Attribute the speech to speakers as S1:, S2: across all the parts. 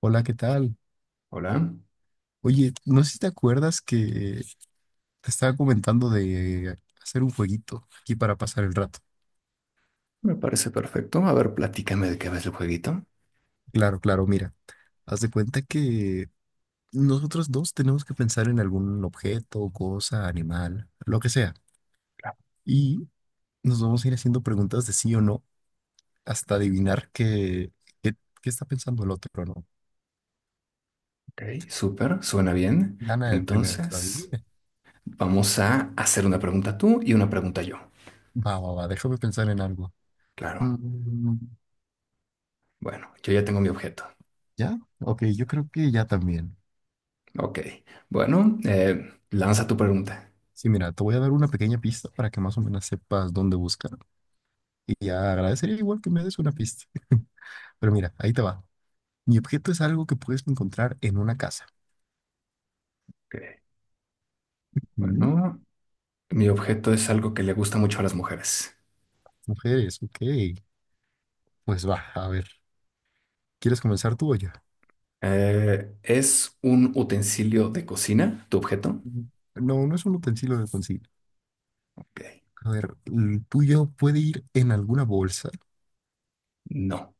S1: Hola, ¿qué tal?
S2: Hola,
S1: Oye, no sé si te acuerdas que te estaba comentando de hacer un jueguito aquí para pasar el rato.
S2: me parece perfecto. A ver, platícame de qué ves el jueguito.
S1: Claro, claro, mira, haz de cuenta que nosotros dos tenemos que pensar en algún objeto, cosa, animal, lo que sea. Y nos vamos a ir haciendo preguntas de sí o no hasta adivinar qué, qué está pensando el otro, ¿no?
S2: Ok, súper, suena bien.
S1: Gana el primero que lo
S2: Entonces,
S1: adivine.
S2: vamos a hacer una pregunta tú y una pregunta yo.
S1: Va, va, va, déjame pensar en algo.
S2: Claro,
S1: Mm,
S2: bueno, yo ya tengo mi objeto.
S1: ¿Ya? Ok, yo creo que ya también.
S2: Ok, bueno, lanza tu pregunta.
S1: Sí, mira, te voy a dar una pequeña pista para que más o menos sepas dónde buscar. Y ya agradecería igual que me des una pista. Pero mira, ahí te va. Mi objeto es algo que puedes encontrar en una casa.
S2: Ok,
S1: Mm.
S2: bueno, mi objeto es algo que le gusta mucho a las mujeres.
S1: Mujeres, ok. Pues va, a ver. ¿Quieres comenzar tú o yo?
S2: ¿Es un utensilio de cocina tu objeto?
S1: Mm. No, no es un utensilio de cocina.
S2: Ok,
S1: A ver, ¿el tuyo puede ir en alguna bolsa?
S2: no.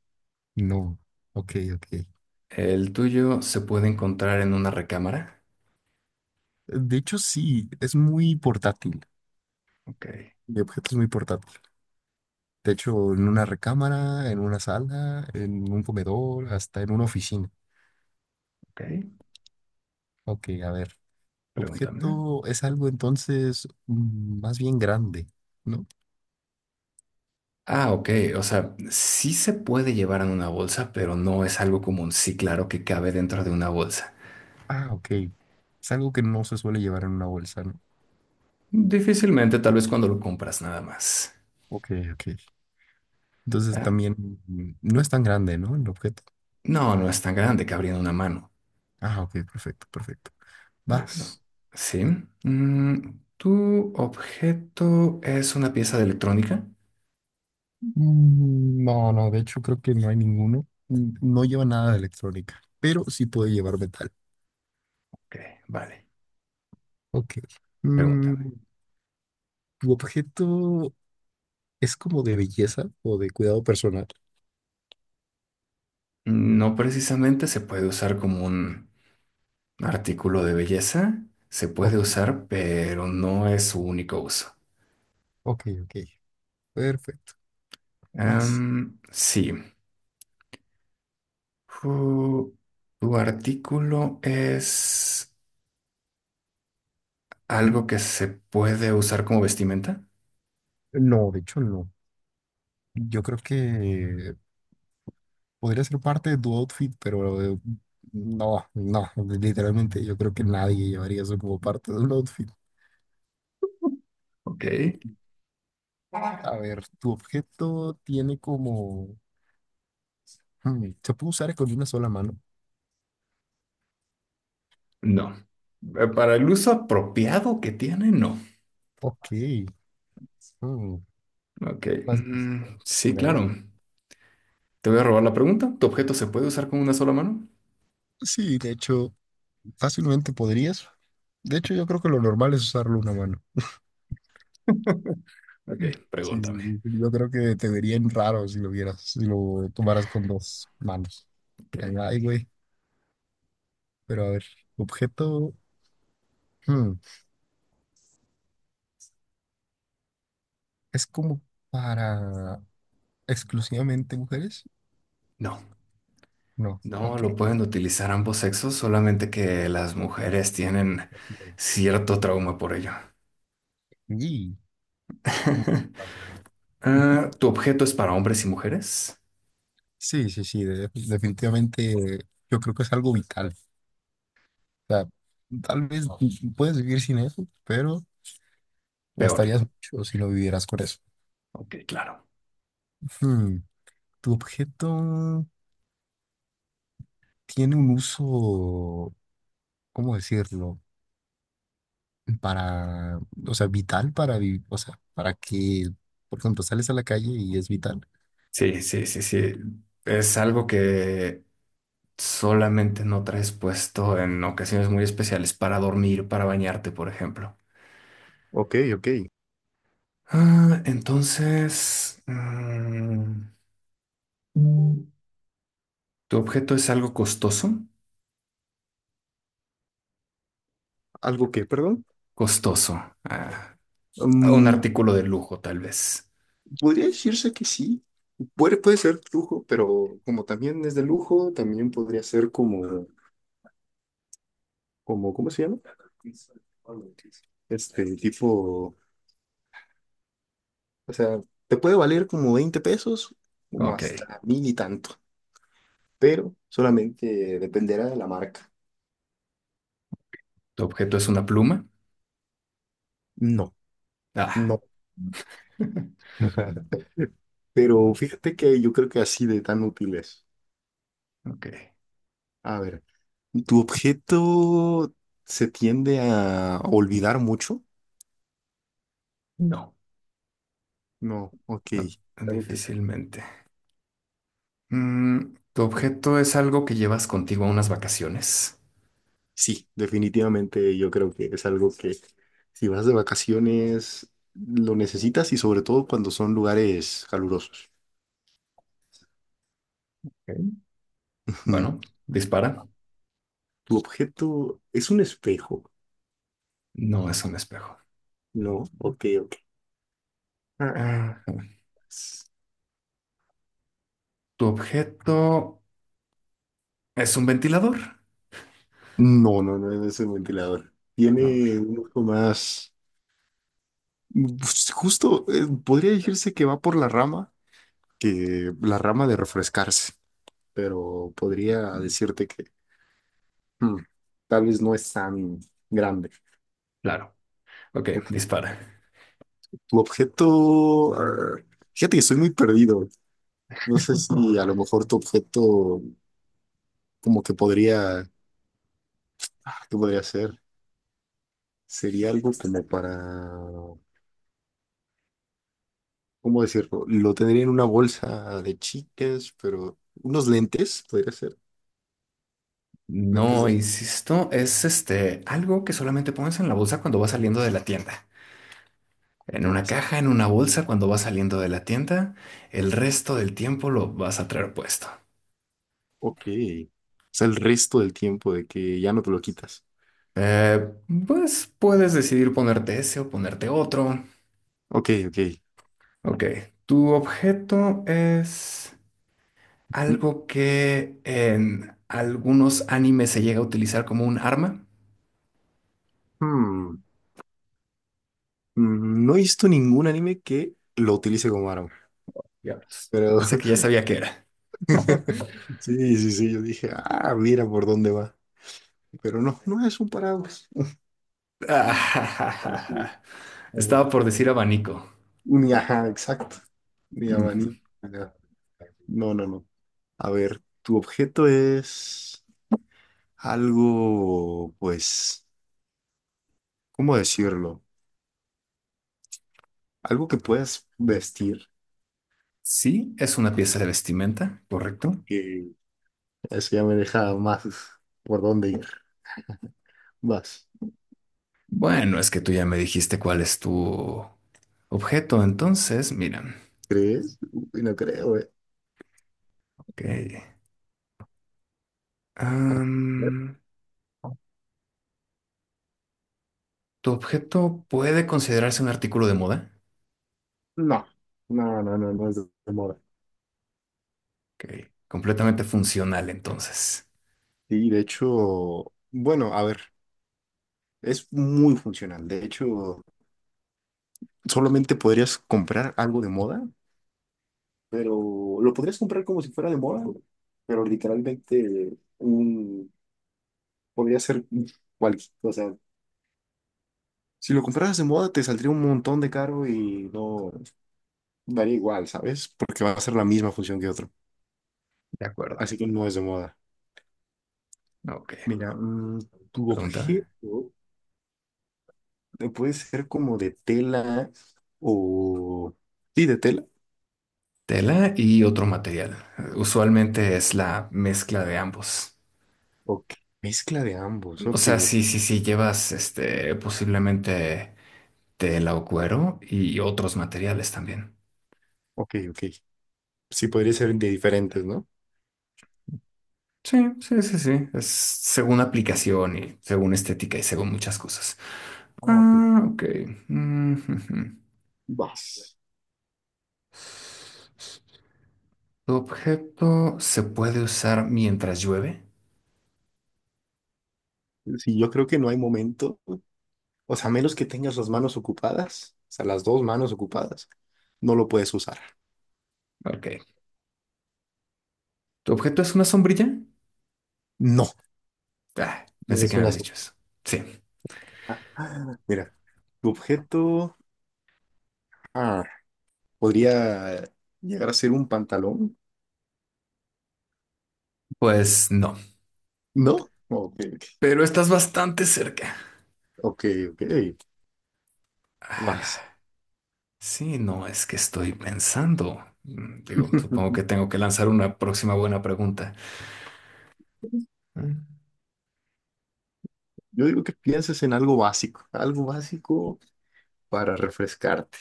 S1: No. Ok, ok.
S2: ¿El tuyo se puede encontrar en una recámara?
S1: De hecho, sí, es muy portátil.
S2: Ok,
S1: Mi objeto es muy portátil. De hecho, en una recámara, en una sala, en un comedor, hasta en una oficina.
S2: ok.
S1: Ok, a ver.
S2: Pregúntame.
S1: Objeto es algo entonces más bien grande, ¿no?
S2: Ah, ok. O sea, sí se puede llevar en una bolsa, pero no es algo común. Sí, claro que cabe dentro de una bolsa.
S1: Ah, ok. Es algo que no se suele llevar en una bolsa, ¿no?
S2: Difícilmente, tal vez cuando lo compras nada más.
S1: Ok, ok. Entonces
S2: Ah,
S1: también no es tan grande, ¿no? El objeto.
S2: no, no es tan grande, cabría en una mano.
S1: Ah, ok, perfecto, perfecto.
S2: Bueno,
S1: Vas.
S2: sí. ¿Tu objeto es una pieza de electrónica?
S1: No, no, de hecho creo que no hay ninguno. No lleva nada de electrónica, pero sí puede llevar metal.
S2: Ok, vale.
S1: Ok. Mm,
S2: Pregúntame.
S1: ¿Tu objeto es como de belleza o de cuidado personal?
S2: No precisamente se puede usar como un artículo de belleza. Se puede
S1: Ok,
S2: usar, pero no es su único uso.
S1: ok, ok. Perfecto. Vas.
S2: Sí. Ju- ¿Tu artículo es algo que se puede usar como vestimenta?
S1: No, de hecho no. Yo creo que podría ser parte de tu outfit, pero no, no, literalmente yo creo que nadie llevaría eso como parte de un outfit.
S2: Ok.
S1: A ver, tu objeto tiene como... ¿se puede usar con una sola mano?
S2: No. Para el uso apropiado que tiene, no.
S1: Ok. hmm,
S2: Ok.
S1: Más difícil.
S2: Mm,
S1: Sí,
S2: sí,
S1: a ver.
S2: claro. Te voy a robar la pregunta. ¿Tu objeto se puede usar con una sola mano?
S1: Sí, de hecho, fácilmente podrías. De hecho, yo creo que lo normal es usarlo una mano.
S2: Ok,
S1: Sí, sí,
S2: pregúntame.
S1: sí. Yo creo que te verían raro si lo vieras, si lo tomaras con dos manos. Dirían,
S2: Ok.
S1: ay, güey. Pero a ver, objeto. hmm, ¿Es como para exclusivamente mujeres?
S2: No.
S1: No,
S2: No
S1: ok.
S2: lo pueden utilizar ambos sexos, solamente que las mujeres tienen cierto trauma por ello.
S1: Y, uh, a ver, a ver.
S2: Ah, ¿tu objeto es para hombres y mujeres?
S1: Sí, sí, sí, definitivamente yo creo que es algo vital. O sea, tal vez puedes vivir sin eso, pero
S2: Peor.
S1: gastarías mucho si no vivieras con eso.
S2: Ok, claro.
S1: Hmm, ¿Tu objeto tiene un uso? ¿Cómo decirlo? Para, o sea, vital para vivir, o sea, para que, por ejemplo, sales a la calle y es vital.
S2: Sí, sí, sí, sí. Es algo que solamente no traes puesto en ocasiones muy especiales para dormir, para bañarte, por ejemplo.
S1: Ok, ok.
S2: Ah, entonces, ¿tu objeto es algo costoso?
S1: ¿Algo que, perdón?
S2: Costoso. Ah, un
S1: Mm,
S2: artículo de lujo, tal vez.
S1: podría decirse que sí. Puede, puede ser lujo, pero como también es de lujo, también podría ser como, como, ¿cómo se llama? Este tipo, o sea, te puede valer como 20 pesos, como
S2: Ok.
S1: hasta mil y tanto, pero solamente dependerá de la marca.
S2: ¿Tu objeto es una pluma?
S1: No,
S2: Ah,
S1: no. Ajá. Pero fíjate que yo creo que así de tan útiles.
S2: ok.
S1: A ver, ¿tu objeto se tiende a olvidar mucho?
S2: No,
S1: No, ok.
S2: no,
S1: Algo que sí.
S2: difícilmente. ¿Tu objeto es algo que llevas contigo a unas vacaciones?
S1: Sí, definitivamente yo creo que es algo que si vas de vacaciones lo necesitas y sobre todo cuando son lugares calurosos.
S2: Ok.
S1: Ujú.
S2: Bueno, dispara.
S1: ¿Tu objeto es un espejo?
S2: No es un espejo.
S1: No, ok, ok. Ah,
S2: Ah,
S1: s-
S2: ¿tu objeto es un ventilador?
S1: No, no, no es un ventilador.
S2: No, ¿verdad?
S1: Tiene un uso más. Pues, justo, podría decirse que va por la rama, que la rama de refrescarse, pero podría decirte que mm, tal vez no es tan grande.
S2: Claro. Ok,
S1: Ok.
S2: dispara.
S1: Tu objeto, ar, fíjate que estoy muy perdido. No sé si a lo mejor tu objeto como que podría, ah, ¿qué podría ser? Sería algo como para, ¿cómo decirlo? Lo tendría en una bolsa de chicas, pero unos lentes, podría ser, lentes
S2: No,
S1: de...
S2: insisto, es este algo que solamente pones en la bolsa cuando vas saliendo de la tienda. En
S1: no.
S2: una caja, en una bolsa, cuando vas saliendo de la tienda, el resto del tiempo lo vas a traer puesto.
S1: Ok. O sea, el resto del tiempo de que ya no te lo quitas.
S2: Eh, pues puedes decidir ponerte ese o ponerte otro.
S1: Ok, ok.
S2: Ok, tu objeto es
S1: Mm,
S2: algo que en algunos animes se llega a utilizar como un arma.
S1: mm, No he visto ningún anime que lo utilice como arma.
S2: Diablos.
S1: Pero
S2: Pensé que ya sabía qué era.
S1: sí, sí, sí, yo dije, ah, mira por dónde va. Pero no, no es un paraguas. Mm, sí. A ver,
S2: Estaba por decir abanico.
S1: ni ajá, exacto. Ni
S2: Ujú.
S1: abanico. Nada. No, no, no. A ver, tu objeto es algo, pues, ¿cómo decirlo? Algo que puedas vestir,
S2: Sí, es una pieza de vestimenta, correcto.
S1: que eso ya me deja más por dónde ir. Vas.
S2: Bueno, es que tú ya me dijiste cuál es tu objeto, entonces, mira,
S1: ¿Crees? Uy, no creo, eh.
S2: ok.
S1: A ver.
S2: Am, ¿Tu objeto puede considerarse un artículo de moda?
S1: No, no, no, no, no es de moda.
S2: Ok, completamente funcional entonces.
S1: Y de hecho, bueno, a ver, es muy funcional. De hecho, solamente podrías comprar algo de moda, pero lo podrías comprar como si fuera de moda, pero literalmente un, podría ser cualquier, o sea, si lo compraras de moda te saldría un montón de caro y no. Daría igual, ¿sabes? Porque va a ser la misma función que otro.
S2: De acuerdo.
S1: Así que no es de moda.
S2: Ok,
S1: Mira, tu
S2: pregúntame.
S1: objeto puede ser como de tela o... Sí, de tela.
S2: Tela y otro material. Usualmente es la mezcla de ambos.
S1: Ok. Mezcla de ambos.
S2: O
S1: Ok,
S2: sea,
S1: o-
S2: sí, sí, sí, llevas este posiblemente tela o cuero y otros materiales también.
S1: ok, ok. Sí, podría ser de diferentes, ¿no?
S2: Sí, sí, sí, sí. Es según aplicación y según estética y según muchas cosas.
S1: Ah, ok.
S2: Ah, ok. Mm, ujú.
S1: Vas.
S2: ¿Tu objeto se puede usar mientras llueve?
S1: Sí, yo creo que no hay momento. O sea, a menos que tengas las manos ocupadas, o sea, las dos manos ocupadas, no lo puedes usar.
S2: Ok. ¿Tu objeto es una sombrilla?
S1: No,
S2: Ah,
S1: no
S2: pensé que
S1: es
S2: me
S1: una
S2: habías
S1: sopa.
S2: dicho eso. Sí,
S1: Mira, tu objeto. Ah, podría llegar a ser un pantalón,
S2: pues no.
S1: ¿no? Ok,
S2: Pero estás bastante cerca.
S1: ok, ok, vas.
S2: Ah, sí, no, es que estoy pensando. Digo, supongo que tengo que lanzar una próxima buena pregunta. Mm,
S1: Yo digo que pienses en algo básico para refrescarte.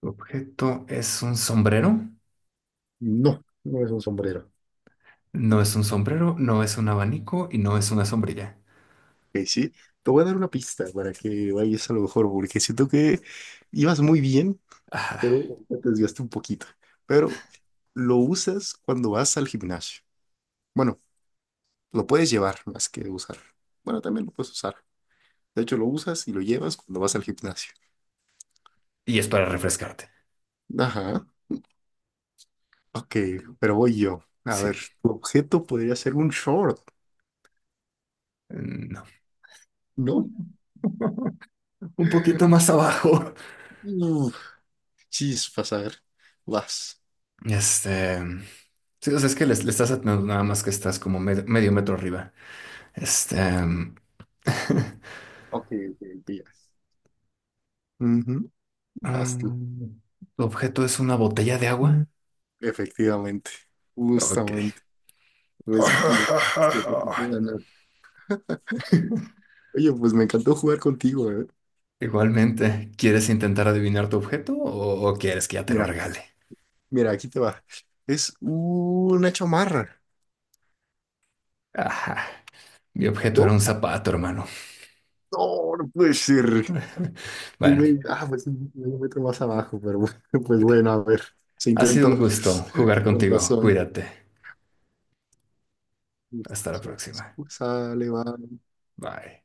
S2: ¿Tu objeto es un sombrero?
S1: No, no es un sombrero.
S2: No es un sombrero, no es un abanico y no es una sombrilla.
S1: Ok, sí, te voy a dar una pista para que vayas a lo mejor, porque siento que ibas muy bien,
S2: Ah,
S1: pero te desviaste un poquito. Pero lo usas cuando vas al gimnasio. Bueno, lo puedes llevar más que usar. Bueno, también lo puedes usar. De hecho, lo usas y lo llevas cuando vas al gimnasio.
S2: y es para refrescarte.
S1: Ajá. Ok, pero voy yo. A
S2: Sí,
S1: ver, tu objeto podría ser un short,
S2: no.
S1: ¿no?
S2: Un poquito más abajo.
S1: Uf, chispas, a ver. Vas.
S2: Este, sí, o sea, es que le estás atinando nada más que estás como medio metro arriba. Este,
S1: Mm. Ok, ok, ok, ya. Ujú. Vas tú.
S2: mm, ¿tu objeto es una botella de agua?
S1: Efectivamente.
S2: Ok.
S1: Justamente. Pues, porque te tocó ganar. Oye, pues me encantó jugar contigo, ¿eh?
S2: Igualmente, ¿quieres intentar adivinar tu objeto o quieres que ya te lo
S1: Mira,
S2: regale?
S1: mira, aquí te va. Es una chamarra,
S2: Ajá, mi objeto era
S1: ¿no?
S2: un zapato, hermano.
S1: No, no puede ser. Y,
S2: Bueno,
S1: güey, ah, pues un metro más abajo, pero bueno, pues bueno, a ver, se
S2: ha sido un
S1: intentó,
S2: gusto jugar
S1: con
S2: contigo.
S1: razón.
S2: Cuídate. Hasta la próxima.
S1: Sale, va.
S2: Bye.